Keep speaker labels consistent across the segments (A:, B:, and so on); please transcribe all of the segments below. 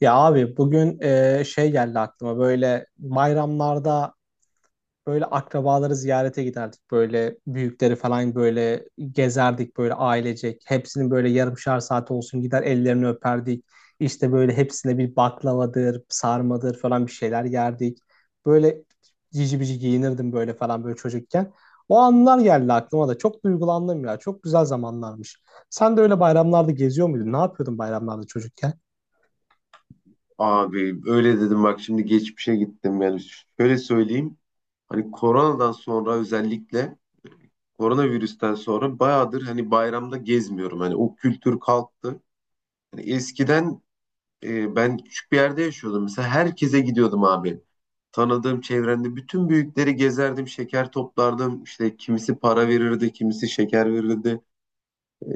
A: Ya abi bugün şey geldi aklıma böyle bayramlarda böyle akrabaları ziyarete giderdik böyle büyükleri falan böyle gezerdik böyle ailecek hepsinin böyle yarımşar saat olsun gider ellerini öperdik işte böyle hepsine bir baklavadır sarmadır falan bir şeyler yerdik böyle cici bici giyinirdim böyle falan böyle çocukken o anlar geldi aklıma da çok duygulandım ya çok güzel zamanlarmış. Sen de öyle bayramlarda geziyor muydun, ne yapıyordun bayramlarda çocukken?
B: Abi öyle dedim, bak şimdi geçmişe gittim. Yani şöyle söyleyeyim, hani koronadan sonra özellikle, koronavirüsten sonra bayağıdır hani bayramda gezmiyorum, hani o kültür kalktı. Hani eskiden ben küçük bir yerde yaşıyordum, mesela herkese gidiyordum abi, tanıdığım çevrende bütün büyükleri gezerdim, şeker toplardım, işte kimisi para verirdi, kimisi şeker verirdi. E,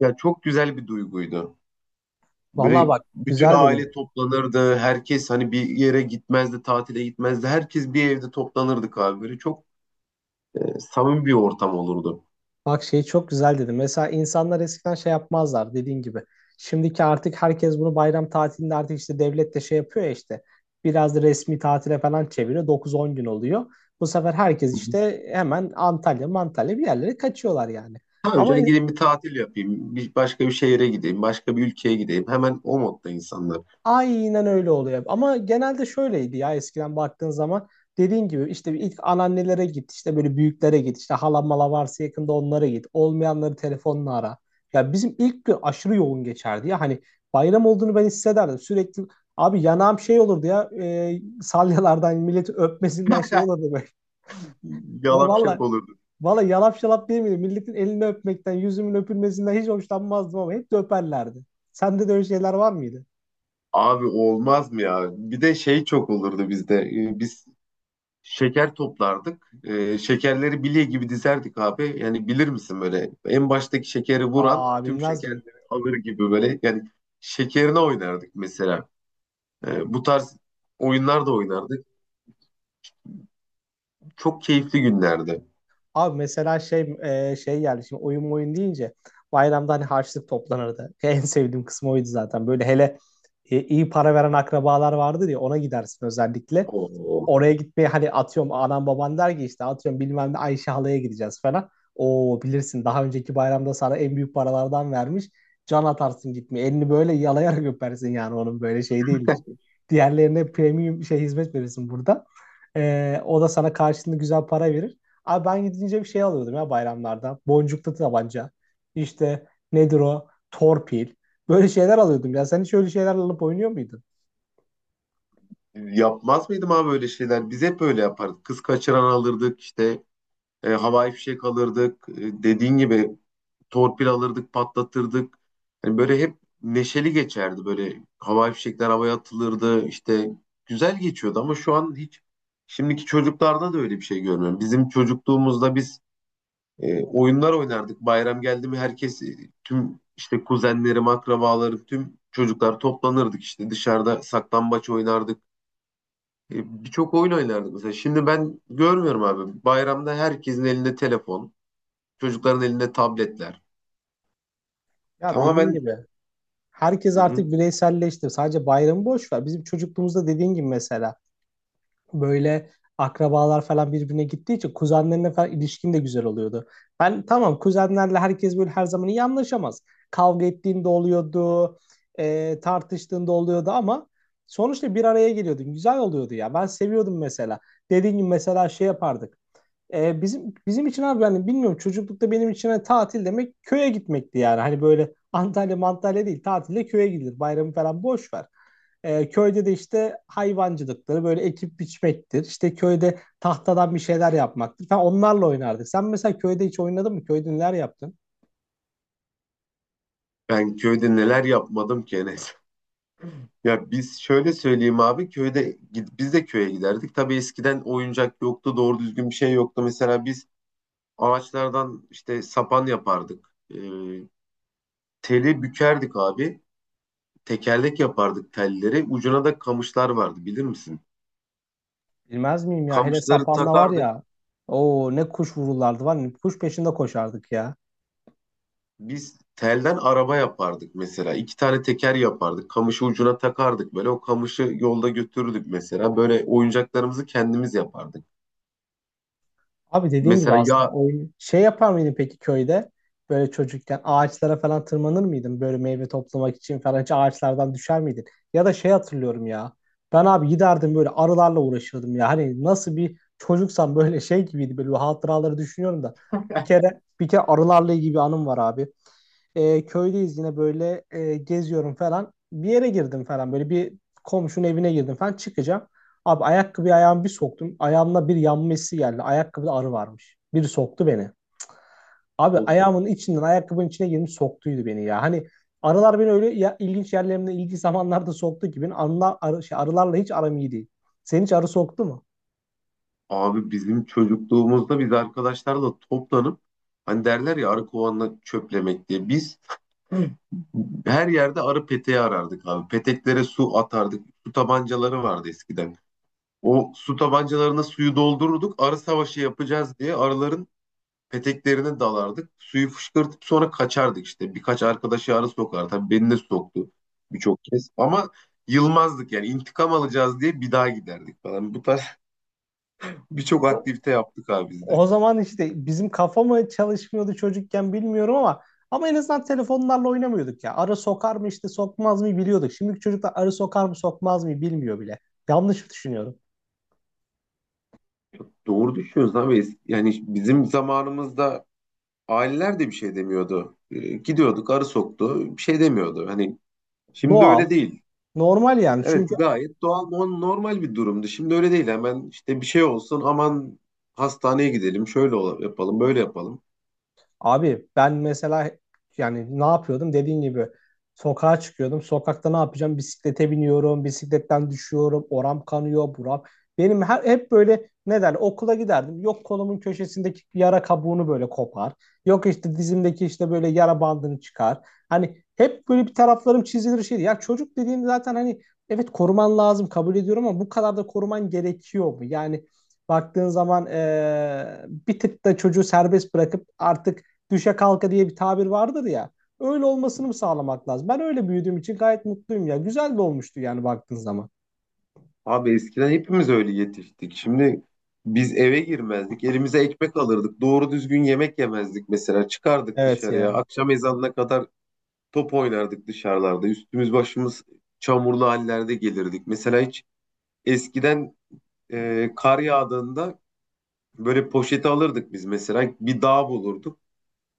B: Ya, çok güzel bir duyguydu.
A: Vallahi
B: Böyle
A: bak
B: bütün
A: güzel
B: aile
A: dedin.
B: toplanırdı. Herkes hani bir yere gitmezdi, tatile gitmezdi. Herkes bir evde toplanırdık abi. Böyle çok samimi bir ortam olurdu.
A: Bak şey çok güzel dedin. Mesela insanlar eskiden şey yapmazlar dediğin gibi. Şimdiki artık herkes bunu bayram tatilinde artık işte devlet de şey yapıyor ya işte. Biraz da resmi tatile falan çeviriyor. 9-10 gün oluyor. Bu sefer herkes
B: Hı hı.
A: işte hemen Antalya, Mantalya bir yerlere kaçıyorlar yani.
B: Ha
A: Ama
B: hocam, gideyim bir tatil yapayım. Başka bir şehire gideyim. Başka bir ülkeye gideyim. Hemen o modda insanlar.
A: aynen öyle oluyor. Ama genelde şöyleydi ya, eskiden baktığın zaman dediğin gibi işte bir ilk anneannelere git, işte böyle büyüklere git, işte halam mala varsa yakında onlara git, olmayanları telefonla ara. Ya bizim ilk gün aşırı yoğun geçerdi ya, hani bayram olduğunu ben hissederdim sürekli. Abi yanağım şey olurdu ya, salyalardan milleti öpmesinden şey olurdu böyle.
B: Yalap şap
A: Valla
B: olurdu.
A: valla, yalap şalap değil miydi? Milletin elini öpmekten yüzümün öpülmesinden hiç hoşlanmazdım ama hep de öperlerdi. Sende de öyle şeyler var mıydı?
B: Abi olmaz mı ya? Bir de şey çok olurdu bizde. Biz şeker toplardık. Şekerleri bilye gibi dizerdik abi. Yani bilir misin, böyle en baştaki şekeri vuran
A: Aa,
B: tüm
A: bilmez miyim?
B: şekerleri alır gibi, böyle yani şekerine oynardık mesela. Bu tarz oyunlar da oynardık. Çok keyifli günlerdi.
A: Abi mesela şey, şey geldi şimdi, oyun oyun deyince bayramda hani harçlık toplanırdı. En sevdiğim kısmı oydu zaten. Böyle hele iyi para veren akrabalar vardır ya, ona gidersin özellikle.
B: Oo.
A: Oraya gitmeye hani, atıyorum anam baban der ki işte, atıyorum bilmem ne Ayşe halaya gideceğiz falan. Oo, bilirsin daha önceki bayramda sana en büyük paralardan vermiş. Can atarsın gitmeye. Elini böyle yalayarak öpersin, yani onun böyle şey değildir. Diğerlerine premium şey hizmet verirsin burada. O da sana karşılığında güzel para verir. Abi ben gidince bir şey alıyordum ya bayramlarda. Boncuklu tabanca. İşte nedir o? Torpil. Böyle şeyler alıyordum ya. Sen hiç öyle şeyler alıp oynuyor muydun?
B: Yapmaz mıydım abi öyle şeyler? Biz hep öyle yapardık. Kız kaçıran alırdık, işte havai fişek alırdık. Dediğin gibi torpil alırdık, patlatırdık. Hani böyle hep neşeli geçerdi. Böyle havai fişekler havaya atılırdı. İşte güzel geçiyordu ama şu an hiç, şimdiki çocuklarda da öyle bir şey görmüyorum. Bizim çocukluğumuzda biz oyunlar oynardık. Bayram geldi mi herkes, tüm işte kuzenlerim, akrabalarım, tüm çocuklar toplanırdık, işte dışarıda saklambaç oynardık. Birçok oyun oynardık mesela. Şimdi ben görmüyorum abi. Bayramda herkesin elinde telefon, çocukların elinde tabletler.
A: Ya dediğin
B: Tamamen.
A: gibi herkes
B: Hı hı.
A: artık bireyselleşti. Sadece bayramı boş ver. Bizim çocukluğumuzda dediğin gibi mesela böyle akrabalar falan birbirine gittiği için kuzenlerine falan ilişkin de güzel oluyordu. Ben tamam, kuzenlerle herkes böyle her zaman iyi anlaşamaz. Kavga ettiğinde oluyordu, tartıştığında oluyordu ama sonuçta bir araya geliyordun. Güzel oluyordu ya. Ben seviyordum mesela. Dediğim gibi mesela şey yapardık. Bizim için abi, yani bilmiyorum, çocuklukta benim için hani tatil demek köye gitmekti yani. Hani böyle Antalya Mantalya değil, tatilde köye gidilir. Bayramı falan boş ver. Köyde de işte hayvancılıkları böyle, ekip biçmektir. İşte köyde tahtadan bir şeyler yapmaktır falan, onlarla oynardık. Sen mesela köyde hiç oynadın mı? Köyde neler yaptın?
B: Ben köyde neler yapmadım ki Enes. Ya biz şöyle söyleyeyim abi, köyde biz de köye giderdik. Tabii eskiden oyuncak yoktu, doğru düzgün bir şey yoktu. Mesela biz ağaçlardan işte sapan yapardık. Ee, Teli bükerdik abi. Tekerlek yapardık telleri. Ucuna da kamışlar vardı, bilir misin?
A: Bilmez miyim ya, hele
B: Kamışları
A: sapanla var
B: takardık.
A: ya. Oo, ne kuş vururlardı var ya, kuş peşinde koşardık ya.
B: Biz telden araba yapardık mesela. İki tane teker yapardık. Kamışı ucuna takardık böyle. O kamışı yolda götürürdük mesela. Böyle oyuncaklarımızı kendimiz yapardık.
A: Abi dediğin gibi
B: Mesela
A: aslında
B: yağ.
A: oyun şey yapar mıydın peki köyde? Böyle çocukken ağaçlara falan tırmanır mıydın? Böyle meyve toplamak için falan hiç ağaçlardan düşer miydin? Ya da şey hatırlıyorum ya. Ben abi giderdim böyle arılarla uğraşırdım ya. Hani nasıl bir çocuksam böyle şey gibiydi. Böyle hatıraları düşünüyorum da. Bir kere arılarla ilgili bir anım var abi. Köydeyiz yine, böyle geziyorum falan. Bir yere girdim falan, böyle bir komşunun evine girdim falan, çıkacağım. Abi ayakkabıyı, ayağımı bir soktum. Ayağımda bir yanma hissi geldi. Ayakkabıda arı varmış. Biri soktu beni. Abi
B: Of,
A: ayağımın içinden ayakkabının içine girmiş soktuydu beni ya. Hani arılar beni öyle ya, ilginç yerlerimde ilginç zamanlarda soktu ki, benim anla, arı, şey, arılarla hiç aram iyi değil. Senin hiç arı soktu mu?
B: abi bizim çocukluğumuzda biz arkadaşlarla toplanıp, hani derler ya arı kovanla çöplemek diye. Biz, hı, her yerde arı peteği arardık abi. Peteklere su atardık. Su tabancaları vardı eskiden. O su tabancalarına suyu doldururduk. Arı savaşı yapacağız diye arıların peteklerine dalardık. Suyu fışkırtıp sonra kaçardık işte. Birkaç arkadaşı arı sokar. Tabii beni de soktu birçok kez. Ama yılmazdık, yani intikam alacağız diye bir daha giderdik falan. Bu tarz birçok
A: Abi,
B: aktivite yaptık abi biz de.
A: o zaman işte bizim kafa mı çalışmıyordu çocukken bilmiyorum ama, ama en azından telefonlarla oynamıyorduk ya. Arı sokar mı işte sokmaz mı biliyorduk. Şimdiki çocuklar arı sokar mı sokmaz mı bilmiyor bile. Yanlış düşünüyorum.
B: Doğru düşünüyorsun abi. Yani bizim zamanımızda aileler de bir şey demiyordu. Gidiyorduk, arı soktu, bir şey demiyordu. Hani şimdi
A: Doğal,
B: öyle değil.
A: normal yani.
B: Evet
A: Çünkü.
B: gayet doğal, normal bir durumdu. Şimdi öyle değil. Hemen işte bir şey olsun, aman hastaneye gidelim, şöyle yapalım, böyle yapalım.
A: Abi ben mesela, yani ne yapıyordum dediğin gibi, sokağa çıkıyordum. Sokakta ne yapacağım? Bisiklete biniyorum, bisikletten düşüyorum, oram kanıyor, buram. Benim hep böyle, ne derler, okula giderdim. Yok kolumun köşesindeki yara kabuğunu böyle kopar. Yok işte dizimdeki işte böyle yara bandını çıkar. Hani hep böyle bir taraflarım çizilir şeydi. Ya çocuk dediğin zaten hani, evet koruman lazım kabul ediyorum ama bu kadar da koruman gerekiyor mu? Yani baktığın zaman bir tık da çocuğu serbest bırakıp artık düşe kalka diye bir tabir vardır ya. Öyle olmasını mı sağlamak lazım? Ben öyle büyüdüğüm için gayet mutluyum ya. Güzel de olmuştu yani baktığın zaman.
B: Abi eskiden hepimiz öyle yetiştik. Şimdi biz eve girmezdik. Elimize ekmek alırdık. Doğru düzgün yemek yemezdik mesela. Çıkardık
A: Evet
B: dışarıya.
A: ya.
B: Akşam ezanına kadar top oynardık dışarılarda. Üstümüz başımız çamurlu hallerde gelirdik. Mesela hiç, eskiden kar yağdığında böyle poşeti alırdık biz mesela. Bir dağ bulurduk.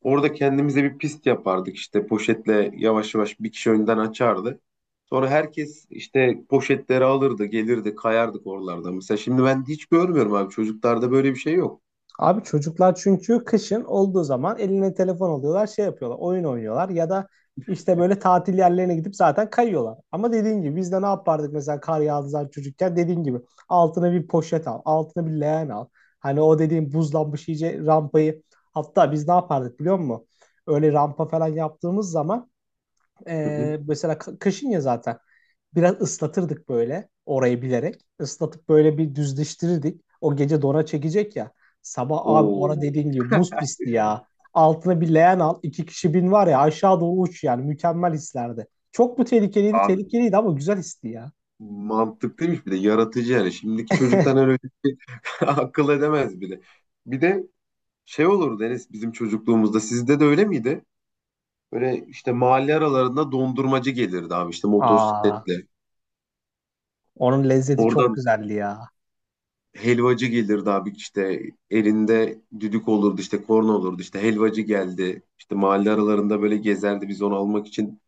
B: Orada kendimize bir pist yapardık, işte poşetle yavaş yavaş bir kişi önden açardı. Sonra herkes işte poşetleri alırdı, gelirdi, kayardık oralarda. Mesela şimdi ben hiç görmüyorum abi. Çocuklarda böyle bir şey yok.
A: Abi çocuklar çünkü, kışın olduğu zaman eline telefon alıyorlar, şey yapıyorlar, oyun oynuyorlar ya da işte böyle tatil yerlerine gidip zaten kayıyorlar. Ama dediğin gibi biz de ne yapardık mesela kar yağdığı zaman çocukken, dediğin gibi altına bir poşet al, altına bir leğen al. Hani o dediğim buzlanmış iyice rampayı, hatta biz ne yapardık biliyor musun? Öyle rampa falan yaptığımız zaman
B: Hı hı.
A: mesela kışın ya, zaten biraz ıslatırdık böyle orayı bilerek. Islatıp böyle bir düzleştirirdik. O gece dona çekecek ya. Sabah abi ona
B: Oo.
A: dediğin gibi buz pisti ya. Altına bir leğen al, iki kişi bin var ya, aşağı doğru uç yani. Mükemmel hislerdi. Çok mu tehlikeliydi?
B: Abi
A: Tehlikeliydi ama güzel histi ya.
B: mantıklıymış, bir de yaratıcı yani. Şimdiki çocuktan öyle bir şey akıl edemez bile. Bir de şey olurdu Enes, bizim çocukluğumuzda sizde de öyle miydi? Böyle işte mahalle aralarında dondurmacı gelirdi abi, işte
A: Aa,
B: motosikletle.
A: onun lezzeti çok
B: Oradan
A: güzeldi ya.
B: helvacı gelirdi abi, işte elinde düdük olurdu, işte korna olurdu, işte helvacı geldi. İşte mahalle aralarında böyle gezerdi, biz onu almak için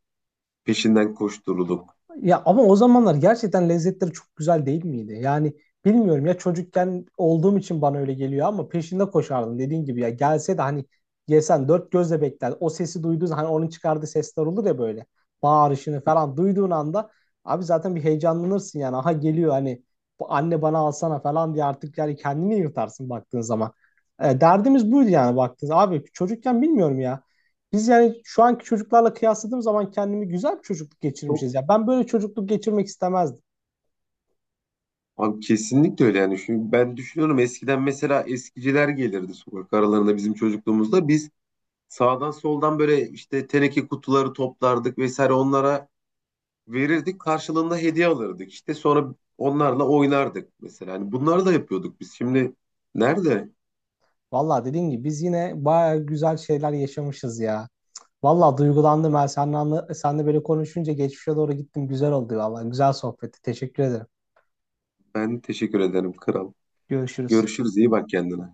B: peşinden koştururduk.
A: Ya ama o zamanlar gerçekten lezzetleri çok güzel değil miydi? Yani bilmiyorum ya, çocukken olduğum için bana öyle geliyor ama peşinde koşardım dediğin gibi ya, gelse de hani yesen, dört gözle bekler. O sesi duyduğun, hani onun çıkardığı sesler olur ya böyle, bağırışını falan duyduğun anda abi zaten bir heyecanlanırsın, yani aha geliyor hani bu, anne bana alsana falan diye artık, yani kendini yırtarsın baktığın zaman. Derdimiz buydu yani, baktığınız abi çocukken bilmiyorum ya. Biz yani şu anki çocuklarla kıyasladığım zaman kendimi, güzel bir çocukluk
B: Çok.
A: geçirmişiz. Ya ben böyle çocukluk geçirmek istemezdim.
B: Abi kesinlikle öyle yani. Şimdi ben düşünüyorum, eskiden mesela eskiciler gelirdi sokak aralarında bizim çocukluğumuzda. Biz sağdan soldan böyle işte teneke kutuları toplardık vesaire, onlara verirdik. Karşılığında hediye alırdık. İşte sonra onlarla oynardık mesela. Yani bunları da yapıyorduk biz. Şimdi nerede?
A: Vallahi dediğim gibi biz yine bayağı güzel şeyler yaşamışız ya. Vallahi duygulandım ben seninle, seninle böyle konuşunca geçmişe doğru gittim. Güzel oldu vallahi. Güzel sohbetti. Teşekkür ederim.
B: Ben teşekkür ederim kral.
A: Görüşürüz.
B: Görüşürüz. İyi bak kendine.